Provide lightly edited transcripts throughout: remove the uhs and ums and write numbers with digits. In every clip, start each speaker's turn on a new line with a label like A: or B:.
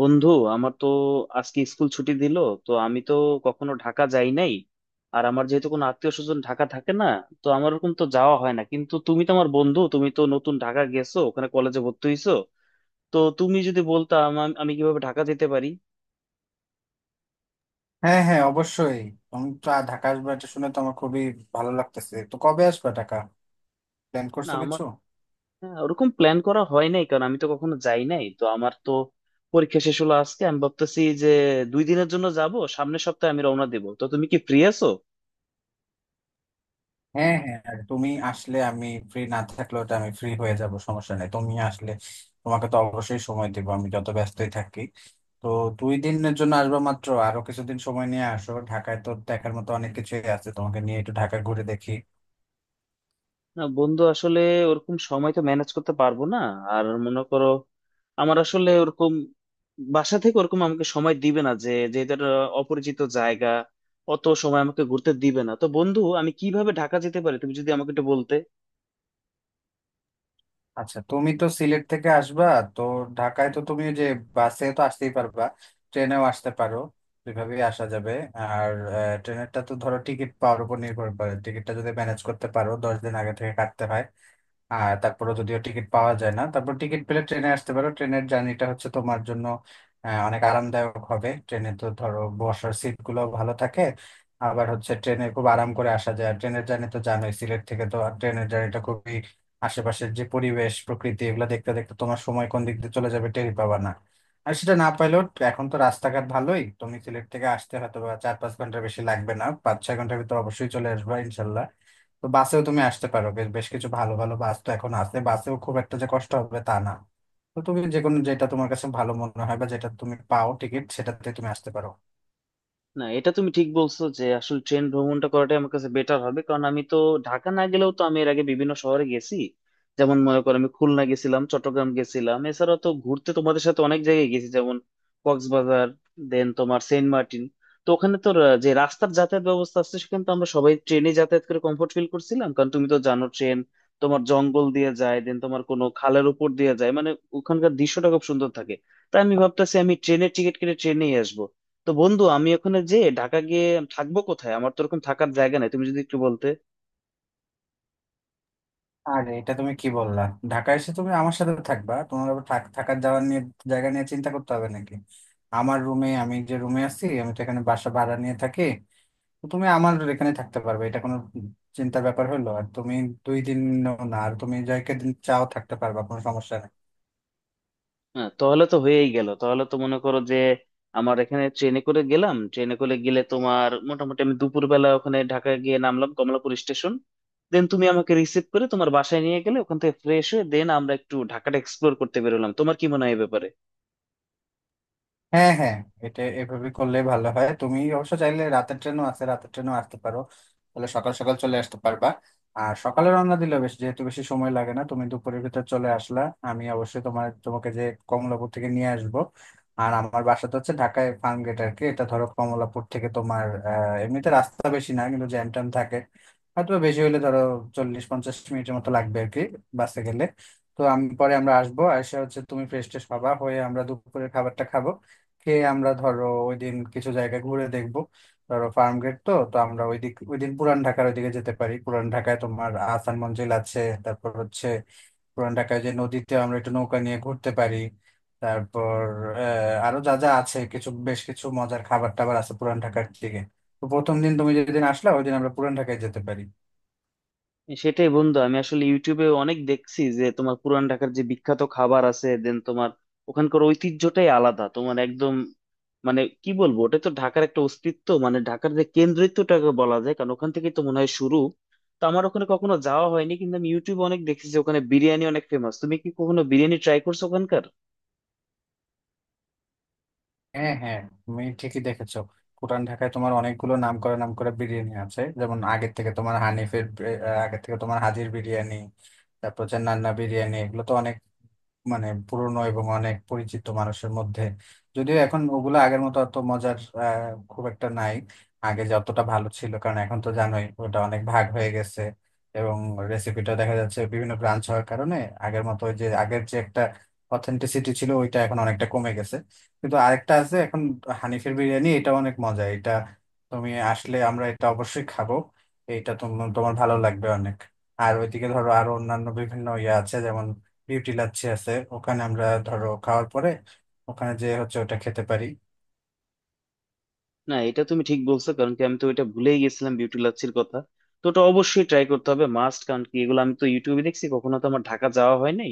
A: বন্ধু, আমার তো আজকে স্কুল ছুটি দিল। তো আমি তো কখনো ঢাকা যাই নাই, আর আমার যেহেতু কোনো আত্মীয় স্বজন ঢাকা থাকে না, তো আমার ওরকম তো যাওয়া হয় না। কিন্তু তুমি তো আমার বন্ধু, তুমি তো নতুন ঢাকা গেছো, ওখানে কলেজে ভর্তি হইছো। তো তুমি যদি বলতা আমি কিভাবে ঢাকা যেতে পারি।
B: হ্যাঁ হ্যাঁ, অবশ্যই। তুমি তো ঢাকা আসবে এটা শুনে তো আমার খুবই ভালো লাগতেছে। তো কবে আসবে ঢাকা? প্ল্যান
A: না,
B: করছো
A: আমার
B: কিছু?
A: হ্যাঁ, ওরকম প্ল্যান করা হয় নাই কারণ আমি তো কখনো যাই নাই, তো আমার তো পরীক্ষা শেষ হলো আজকে। আমি ভাবতেছি যে 2 দিনের জন্য যাব, সামনের সপ্তাহে আমি রওনা দেবো। তো তুমি কি ফ্রি আছো?
B: হ্যাঁ হ্যাঁ, আর তুমি আসলে আমি ফ্রি না থাকলেও তো আমি ফ্রি হয়ে যাব, সমস্যা নেই। তুমি আসলে তোমাকে তো অবশ্যই সময় দেবো আমি যত ব্যস্তই থাকি। তো 2 দিনের জন্য আসবো মাত্র? আরো কিছুদিন সময় নিয়ে আসো, ঢাকায় তো দেখার মতো অনেক কিছুই আছে, তোমাকে নিয়ে একটু ঢাকা ঘুরে দেখি।
A: না বন্ধু, আসলে ওরকম সময় তো ম্যানেজ করতে পারবো না। আর মনে করো, আমার আসলে ওরকম বাসা থেকে ওরকম আমাকে সময় দিবে না, যে যেহেতু একটা অপরিচিত জায়গা অত সময় আমাকে ঘুরতে দিবে না। তো বন্ধু, আমি কিভাবে ঢাকা যেতে পারি তুমি যদি আমাকে একটু বলতে।
B: আচ্ছা, তুমি তো সিলেট থেকে আসবা। তো ঢাকায় তো তুমি ওই যে বাসে তো আসতেই পারবা, ট্রেনেও আসতে পারো, দুইভাবেই আসা যাবে। আর ট্রেনেরটা তো ধরো টিকিট পাওয়ার উপর নির্ভর করে। টিকিটটা যদি ম্যানেজ করতে পারো 10 দিন আগে থেকে কাটতে হয়। আর তারপরে যদিও টিকিট পাওয়া যায় না, তারপর টিকিট পেলে ট্রেনে আসতে পারো। ট্রেনের জার্নিটা হচ্ছে তোমার জন্য অনেক আরামদায়ক হবে। ট্রেনে তো ধরো বসার সিট গুলো ভালো থাকে, আবার হচ্ছে ট্রেনে খুব আরাম করে আসা যায়। আর ট্রেনের জার্নি তো জানোই, সিলেট থেকে তো আর ট্রেনের জার্নিটা খুবই আশেপাশের যে পরিবেশ প্রকৃতি এগুলো দেখতে দেখতে তোমার সময় কোন দিক দিয়ে চলে যাবে টেরই পাবা না। আর সেটা না পাইলেও এখন তো রাস্তাঘাট ভালোই, তুমি সিলেট থেকে আসতে হয়তো বা 4-5 ঘন্টা, বেশি লাগবে না, 5-6 ঘন্টার ভিতর অবশ্যই চলে আসবে ইনশাল্লাহ। তো বাসেও তুমি আসতে পারো, বেশ বেশ কিছু ভালো ভালো বাস তো এখন আছে, বাসেও খুব একটা যে কষ্ট হবে তা না। তো তুমি যে কোনো, যেটা তোমার কাছে ভালো মনে হয় বা যেটা তুমি পাও টিকিট, সেটাতে তুমি আসতে পারো।
A: না, এটা তুমি ঠিক বলছো যে আসলে ট্রেন ভ্রমণটা করাটাই আমার কাছে বেটার হবে, কারণ আমি তো ঢাকা না গেলেও তো আমি এর আগে বিভিন্ন শহরে গেছি। যেমন মনে করো, আমি খুলনা গেছিলাম, চট্টগ্রাম গেছিলাম। এছাড়া তো ঘুরতে তোমাদের সাথে অনেক জায়গায় গেছি, যেমন কক্সবাজার, দেন তোমার সেন্ট মার্টিন। তো ওখানে তো যে রাস্তার যাতায়াত ব্যবস্থা আছে, সেখানে তো আমরা সবাই ট্রেনে যাতায়াত করে কমফোর্ট ফিল করছিলাম। কারণ তুমি তো জানো, ট্রেন তোমার জঙ্গল দিয়ে যায়, দেন তোমার কোনো খালের উপর দিয়ে যায়, মানে ওখানকার দৃশ্যটা খুব সুন্দর থাকে। তাই আমি ভাবতেছি আমি ট্রেনের টিকিট কেটে ট্রেনেই আসবো। তো বন্ধু, আমি ওখানে যে ঢাকা গিয়ে থাকবো কোথায়? আমার তো ওরকম থাকার জায়গা নাই, তুমি যদি একটু বলতে।
B: আর এটা তুমি কি বললা? ঢাকা এসে তুমি আমার সাথে থাকবা, তোমার আবার থাকার যাওয়ার নিয়ে জায়গা নিয়ে চিন্তা করতে হবে নাকি? আমার রুমে, আমি যে রুমে আছি, আমি তো এখানে বাসা ভাড়া নিয়ে থাকি, তো তুমি আমার এখানে থাকতে পারবে, এটা কোনো চিন্তার ব্যাপার হলো? আর তুমি 2 দিন না, আর তুমি যাকে দিন চাও থাকতে পারবা, কোনো সমস্যা নেই।
A: হ্যাঁ, তাহলে তো হয়েই গেল। তাহলে তো মনে করো যে আমার এখানে ট্রেনে করে গেলাম, ট্রেনে করে গেলে তোমার মোটামুটি আমি দুপুরবেলা ওখানে ঢাকা গিয়ে নামলাম কমলাপুর স্টেশন। দেন তুমি আমাকে রিসিভ করে তোমার বাসায় নিয়ে গেলে, ওখান থেকে ফ্রেশ হয়ে দেন আমরা একটু ঢাকাটা এক্সপ্লোর করতে বেরোলাম। তোমার কি মনে হয় এ ব্যাপারে?
B: হ্যাঁ হ্যাঁ, এটা এভাবে করলে ভালো হয়। তুমি অবশ্য চাইলে রাতের ট্রেনও আছে, রাতের ট্রেনও আসতে পারো, তাহলে সকাল সকাল চলে আসতে পারবা। আর সকালে রওনা দিলে, বেশ যেহেতু বেশি সময় লাগে না, তুমি দুপুরের ভিতর চলে আসলা। আমি অবশ্যই তোমাকে যে কমলাপুর থেকে নিয়ে আসব। আর আমার বাসা তো হচ্ছে ঢাকায় ফার্ম গেট আর কি। এটা ধরো কমলাপুর থেকে তোমার এমনিতে রাস্তা বেশি না, কিন্তু জ্যাম ট্যাম থাকে, হয়তো বেশি হলে ধরো 40-50 মিনিটের মতো লাগবে আর কি বাসে গেলে। তো আমি পরে আমরা আসবো, এসে হচ্ছে তুমি ফ্রেশ ট্রেশ হবা, হয়ে আমরা দুপুরের খাবারটা খাবো। কে আমরা ধরো ওই দিন কিছু জায়গা ঘুরে দেখবো। ধরো ফার্ম গেট তো তো আমরা ওই দিক ওই দিন পুরান ঢাকার ওইদিকে যেতে পারি, পুরান ঢাকায় তোমার আহসান মঞ্জিল আছে। তারপর হচ্ছে পুরান ঢাকায় যে নদীতে আমরা একটু নৌকা নিয়ে ঘুরতে পারি। তারপর, আরো যা যা আছে, কিছু বেশ কিছু মজার খাবার টাবার আছে পুরান ঢাকার দিকে। তো প্রথম দিন তুমি যেদিন আসলা ওই দিন আমরা পুরান ঢাকায় যেতে পারি।
A: সেটাই বন্ধু, আমি আসলে ইউটিউবে অনেক দেখছি যে তোমার পুরান ঢাকার যে বিখ্যাত খাবার আছে, দেন তোমার ওখানকার ঐতিহ্যটাই আলাদা তোমার একদম। মানে কি বলবো, ওটা তো ঢাকার একটা অস্তিত্ব, মানে ঢাকার যে কেন্দ্রিত্বটাকে বলা যায়, কারণ ওখান থেকেই তো মনে হয় শুরু। তো আমার ওখানে কখনো যাওয়া হয়নি, কিন্তু আমি ইউটিউবে অনেক দেখেছি যে ওখানে বিরিয়ানি অনেক ফেমাস। তুমি কি কখনো বিরিয়ানি ট্রাই করছো ওখানকার?
B: হ্যাঁ হ্যাঁ, তুমি ঠিকই দেখেছো। পুরান ঢাকায় তোমার অনেকগুলো নাম করা নাম করা বিরিয়ানি আছে, যেমন আগে থেকে তোমার হানিফের আগে থেকে তোমার হাজির বিরিয়ানি, তারপর হচ্ছে নান্না বিরিয়ানি। এগুলো তো অনেক, মানে পুরনো এবং অনেক পরিচিত মানুষের মধ্যে। যদিও এখন ওগুলো আগের মতো অত মজার আহ, খুব একটা নাই, আগে যতটা ভালো ছিল, কারণ এখন তো জানোই ওটা অনেক ভাগ হয়ে গেছে, এবং রেসিপিটা দেখা যাচ্ছে বিভিন্ন ব্রাঞ্চ হওয়ার কারণে আগের মতো ওই যে আগের যে একটা অথেন্টিসিটি ছিল ওইটা এখন অনেকটা কমে গেছে। কিন্তু আরেকটা আছে এখন, হানিফের বিরিয়ানি, এটা অনেক মজা। এটা তুমি আসলে আমরা এটা অবশ্যই খাবো, এটা তোমার তোমার ভালো লাগবে অনেক। আর ওইদিকে ধরো আরো অন্যান্য বিভিন্ন ইয়ে আছে, যেমন বিউটি লাচ্ছি আছে ওখানে, আমরা ধরো খাওয়ার পরে ওখানে যে হচ্ছে ওটা খেতে পারি।
A: না, এটা তুমি ঠিক বলছো, কারণ কি আমি তো এটা ভুলেই গেছিলাম বিউটি লাচ্ছির কথা। তো ওটা অবশ্যই ট্রাই করতে হবে মাস্ট, কারণ কি এগুলো আমি তো ইউটিউবে দেখছি, কখনো তো আমার ঢাকা যাওয়া হয় নাই।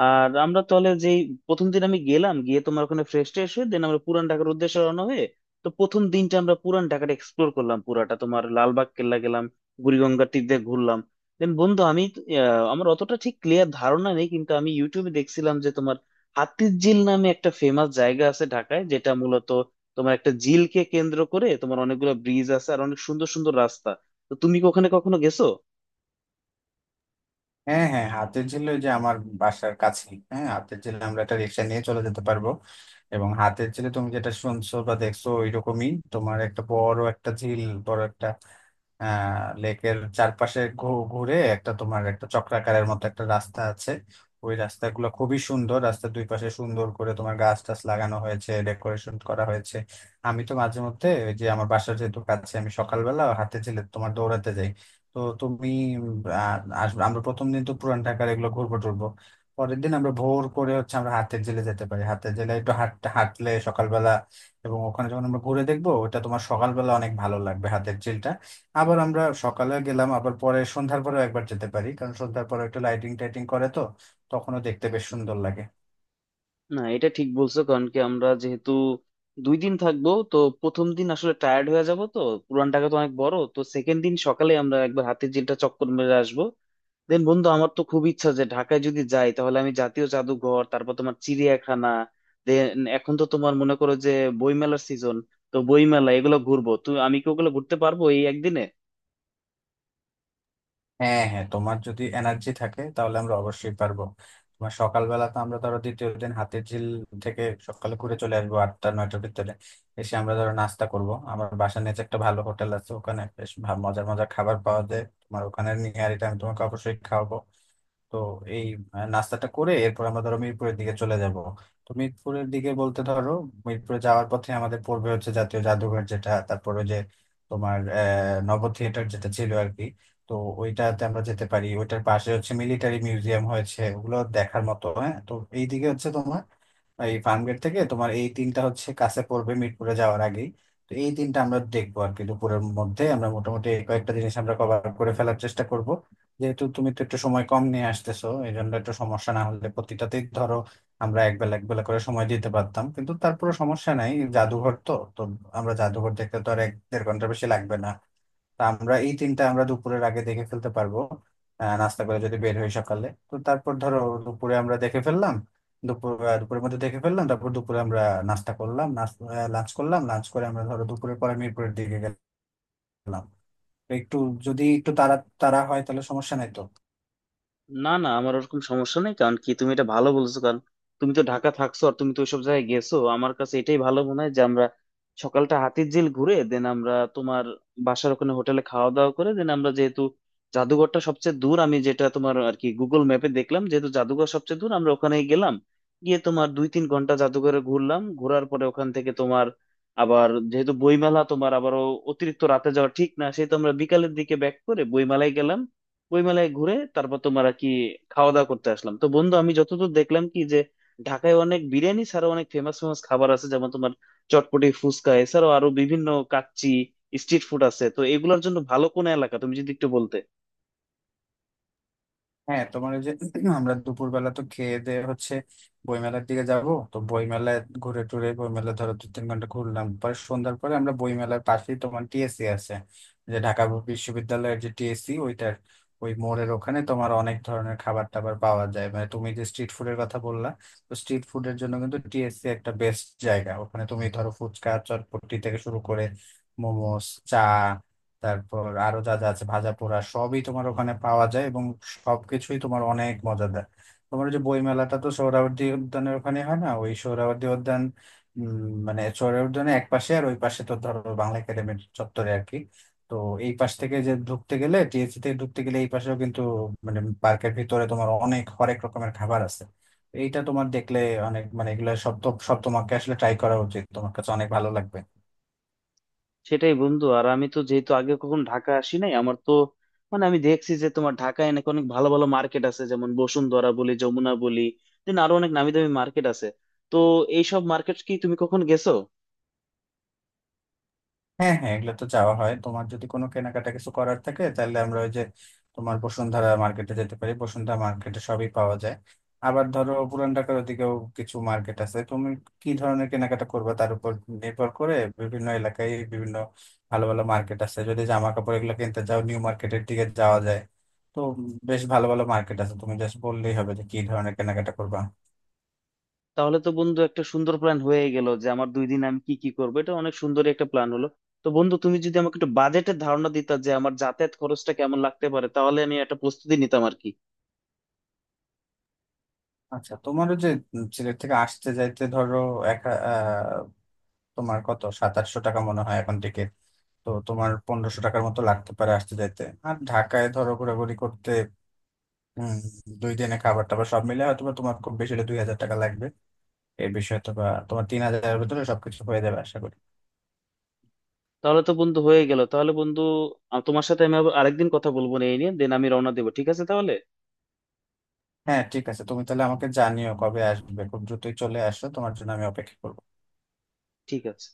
A: আর আমরা তাহলে যে প্রথম দিন আমি গেলাম, গিয়ে তোমার ওখানে ফ্রেশ ট্রেশ হয়ে দেন আমরা পুরান ঢাকার উদ্দেশ্যে রওনা হয়ে। তো প্রথম দিনটা আমরা পুরান ঢাকাটা এক্সপ্লোর করলাম পুরাটা, তোমার লালবাগ কেল্লা গেলাম, বুড়িগঙ্গার তীর দিয়ে ঘুরলাম। দেন বন্ধু, আমি তো, আমার অতটা ঠিক ক্লিয়ার ধারণা নেই, কিন্তু আমি ইউটিউবে দেখছিলাম যে তোমার হাতির ঝিল নামে একটা ফেমাস জায়গা আছে ঢাকায়, যেটা মূলত তোমার একটা ঝিলকে কেন্দ্র করে তোমার অনেকগুলো ব্রিজ আছে আর অনেক সুন্দর সুন্দর রাস্তা। তো তুমি কি ওখানে কখনো গেছো?
B: হ্যাঁ হ্যাঁ, হাতের ঝিল ওই যে আমার বাসার কাছেই। হ্যাঁ, হাতের ঝিল আমরা একটা রিক্সা নিয়ে চলে যেতে পারবো। এবং হাতের ঝিলে তুমি যেটা শুনছো বা দেখছো ওইরকমই তোমার একটা বড় একটা ঝিল, বড় একটা লেকের চারপাশে ঘুরে একটা তোমার একটা চক্রাকারের মতো একটা রাস্তা আছে। ওই রাস্তাগুলো খুবই সুন্দর, রাস্তার দুই পাশে সুন্দর করে তোমার গাছ টাছ লাগানো হয়েছে, ডেকোরেশন করা হয়েছে। আমি তো মাঝে মধ্যে ওই যে আমার বাসার যেহেতু কাছে, আমি সকালবেলা হাঁটতে গেলে তোমার দৌড়াতে যাই। তো তুমি উম, আহ, আসবে, আমরা প্রথম দিন তো পুরান ঢাকার এগুলো ঘুরবো টুরবো। পরের দিন আমরা ভোর করে হচ্ছে আমরা হাতের জেলে যেতে পারি, হাতের জেলে একটু হাঁটতে হাঁটলে সকালবেলা, এবং ওখানে যখন আমরা ঘুরে দেখবো ওটা তোমার সকালবেলা অনেক ভালো লাগবে হাতের ঝিলটা। আবার আমরা সকালে গেলাম আবার পরে সন্ধ্যার পরেও একবার যেতে পারি, কারণ সন্ধ্যার পরে একটু লাইটিং টাইটিং করে তো তখনও দেখতে বেশ সুন্দর লাগে।
A: না, এটা ঠিক বলছো, কারণ কি আমরা যেহেতু 2 দিন থাকবো, তো প্রথম দিন আসলে টায়ার্ড হয়ে যাব, তো পুরান ঢাকা তো অনেক বড়। তো সেকেন্ড দিন সকালে আমরা একবার হাতির ঝিলটা চক্কর মেরে আসবো। দেন বন্ধু, আমার তো খুব ইচ্ছা যে ঢাকায় যদি যাই তাহলে আমি জাতীয় জাদুঘর, তারপর তোমার চিড়িয়াখানা, দেন এখন তো তোমার মনে করো যে বইমেলার সিজন, তো বইমেলা এগুলো ঘুরবো। তুই আমি কি ওগুলো ঘুরতে পারবো এই একদিনে?
B: হ্যাঁ হ্যাঁ, তোমার যদি এনার্জি থাকে তাহলে আমরা অবশ্যই পারবো। তোমার সকালবেলা তো আমরা ধরো দ্বিতীয় দিন হাতির ঝিল থেকে সকালে ঘুরে চলে আসবো 8-9টার ভিতরে, এসে আমরা ধরো নাস্তা করব। আমার বাসার নিচে একটা ভালো হোটেল আছে, ওখানে বেশ মজার মজার খাবার পাওয়া যায় তোমার, ওখানে নিয়ে আর এটা আমি তোমাকে অবশ্যই খাওয়াবো। তো এই নাস্তাটা করে এরপর আমরা ধরো মিরপুরের দিকে চলে যাব। তো মিরপুরের দিকে বলতে ধরো মিরপুরে যাওয়ার পথে আমাদের পড়বে হচ্ছে জাতীয় জাদুঘর, যেটা তারপরে যে তোমার নব থিয়েটার যেটা ছিল আর কি। তো ওইটাতে আমরা যেতে পারি, ওইটার পাশে হচ্ছে মিলিটারি মিউজিয়াম হয়েছে, ওগুলো দেখার মতো হ্যাঁ। তো এইদিকে হচ্ছে তোমার এই ফার্মগেট থেকে তোমার এই তিনটা হচ্ছে কাছে পড়বে, মিরপুরে যাওয়ার আগেই। তো এই তিনটা আমরা দেখবো আর কি, দুপুরের মধ্যে আমরা মোটামুটি এই কয়েকটা জিনিস আমরা কভার করে ফেলার চেষ্টা করব। যেহেতু তুমি তো একটু সময় কম নিয়ে আসতেছো, এই জন্য একটু সমস্যা না হলে প্রতিটাতেই ধরো আমরা এক বেলা এক বেলা করে সময় দিতে পারতাম, কিন্তু তারপরে সমস্যা নাই। জাদুঘর তো তো আমরা জাদুঘর দেখতে তো আর 1-1.5 ঘন্টা বেশি লাগবে না। তা আমরা এই তিনটা আমরা দুপুরের আগে দেখে ফেলতে পারবো। নাস্তা করে যদি বের হই সকালে, তো তারপর ধরো দুপুরে আমরা দেখে ফেললাম, দুপুর দুপুরের মধ্যে দেখে ফেললাম। তারপর দুপুরে আমরা নাস্তা করলাম, লাঞ্চ করলাম, লাঞ্চ করে আমরা ধরো দুপুরের পরে মিরপুরের দিকে গেলাম। তো একটু, যদি একটু তাড়া তাড়া হয় তাহলে সমস্যা নাই তো।
A: না না, আমার ওরকম সমস্যা নেই, কারণ কি তুমি এটা ভালো বলছো। কারণ তুমি তো ঢাকা থাকছো আর তুমি তো ওইসব জায়গায় গেছো, আমার কাছে এটাই ভালো মনে হয় যে আমরা সকালটা হাতিরঝিল ঘুরে দেন আমরা তোমার বাসার ওখানে হোটেলে খাওয়া দাওয়া করে দেন আমরা, যেহেতু জাদুঘরটা সবচেয়ে দূর, আমি যেটা তোমার আর কি গুগল ম্যাপে দেখলাম, যেহেতু জাদুঘর সবচেয়ে দূর, আমরা ওখানে গেলাম। গিয়ে তোমার 2-3 ঘন্টা জাদুঘরে ঘুরলাম, ঘোরার পরে ওখান থেকে তোমার, আবার যেহেতু বইমেলা, তোমার আবারও অতিরিক্ত রাতে যাওয়া ঠিক না, সেই তো আমরা বিকালের দিকে ব্যাক করে বইমেলায় গেলাম। বইমেলায় ঘুরে তারপর তোমার আর কি খাওয়া দাওয়া করতে আসলাম। তো বন্ধু, আমি যতদূর দেখলাম কি যে ঢাকায় অনেক বিরিয়ানি ছাড়াও অনেক ফেমাস ফেমাস খাবার আছে, যেমন তোমার চটপটি, ফুচকা, এছাড়াও আরো বিভিন্ন কাচ্চি, স্ট্রিট ফুড আছে। তো এগুলোর জন্য ভালো কোন এলাকা তুমি যদি একটু বলতে।
B: হ্যাঁ, তোমার ওই যে আমরা দুপুরবেলা তো খেয়ে দেয়ে হচ্ছে বইমেলার দিকে যাব। তো বইমেলায় ঘুরে টুরে, বইমেলা ধরো 2-3 ঘন্টা ঘুরলাম, পরে সন্ধ্যার পরে আমরা বইমেলার পাশেই তোমার টিএসসি আছে, যে ঢাকা বিশ্ববিদ্যালয়ের যে টিএসসি ওইটার ওই মোড়ের ওখানে তোমার অনেক ধরনের খাবার টাবার পাওয়া যায়। মানে তুমি যে স্ট্রিট ফুডের কথা বললা, তো স্ট্রিট ফুডের জন্য কিন্তু টিএসসি একটা বেস্ট জায়গা। ওখানে তুমি ধরো ফুচকা চটপটি থেকে শুরু করে মোমোস, চা, তারপর আরো যা যা আছে ভাজা পোড়া সবই তোমার ওখানে পাওয়া যায়, এবং সবকিছুই তোমার অনেক মজাদার। তোমার ওই যে বই মেলাটা তো সোহরাওয়ার্দী উদ্যানের ওখানে হয় না, ওই সোহরাওয়ার্দী উদ্যান উম, মানে সোহরাওয়ার্দী উদ্যানের এক পাশে, আর ওই পাশে তো ধরো বাংলা একাডেমির চত্বরে আর কি। তো এই পাশ থেকে যে ঢুকতে গেলে টিএসসি থেকে ঢুকতে গেলে এই পাশেও কিন্তু মানে পার্কের ভিতরে তোমার অনেক হরেক রকমের খাবার আছে। এইটা তোমার দেখলে অনেক, মানে এগুলো সব তো সব তোমাকে আসলে ট্রাই করা উচিত, তোমার কাছে অনেক ভালো লাগবে।
A: সেটাই বন্ধু, আর আমি তো যেহেতু আগে কখন ঢাকা আসি নাই, আমার তো মানে আমি দেখছি যে তোমার ঢাকায় নাকি অনেক ভালো ভালো মার্কেট আছে, যেমন বসুন্ধরা বলি, যমুনা বলি, দেন আরো অনেক নামি দামি মার্কেট আছে। তো এইসব মার্কেট কি তুমি কখন গেছো?
B: হ্যাঁ হ্যাঁ, এগুলো তো যাওয়া হয়। তোমার যদি কোনো কেনাকাটা কিছু করার থাকে, তাহলে আমরা ওই যে তোমার বসুন্ধরা মার্কেটে যেতে পারি, বসুন্ধরা মার্কেটে সবই পাওয়া যায়। আবার ধরো পুরান ঢাকার ওদিকেও কিছু মার্কেট আছে। তুমি কি ধরনের কেনাকাটা করবে তার উপর নির্ভর করে বিভিন্ন এলাকায় বিভিন্ন ভালো ভালো মার্কেট আছে। যদি জামা কাপড় এগুলো কিনতে চাও নিউ মার্কেটের দিকে যাওয়া যায়। তো বেশ ভালো ভালো মার্কেট আছে, তুমি জাস্ট বললেই হবে যে কি ধরনের কেনাকাটা করবা।
A: তাহলে তো বন্ধু একটা সুন্দর প্ল্যান হয়ে গেল যে আমার 2 দিন আমি কি কি করবো, এটা অনেক সুন্দর একটা প্ল্যান হলো। তো বন্ধু, তুমি যদি আমাকে একটু বাজেটের ধারণা দিতা যে আমার যাতায়াত খরচটা কেমন লাগতে পারে, তাহলে আমি একটা প্রস্তুতি নিতাম আর কি।
B: আচ্ছা, তোমারও যে সিলেট থেকে আসতে যাইতে ধরো এক, তোমার কত 2700 টাকা মনে হয় এখন টিকিট। তো তোমার 1500 টাকার মতো লাগতে পারে আসতে যাইতে। আর ঢাকায় ধরো ঘোরাঘুরি করতে উম 2 দিনে খাবার টাবার সব মিলে হয়তো বা তোমার খুব বেশি হলে 2000 টাকা লাগবে এর বিষয়ে, তো বা তোমার 3000-এর ভিতরে সবকিছু হয়ে যাবে আশা করি।
A: তাহলে তো বন্ধু হয়ে গেল। তাহলে বন্ধু, তোমার সাথে আমি আবার আরেকদিন কথা বলবো না এই নিয়ে, দেন আমি রওনা দেবো। ঠিক আছে তাহলে?
B: হ্যাঁ, ঠিক আছে, তুমি তাহলে আমাকে জানিও কবে আসবে। খুব দ্রুতই চলে আসো, তোমার জন্য আমি অপেক্ষা করবো।
A: ঠিক আছে।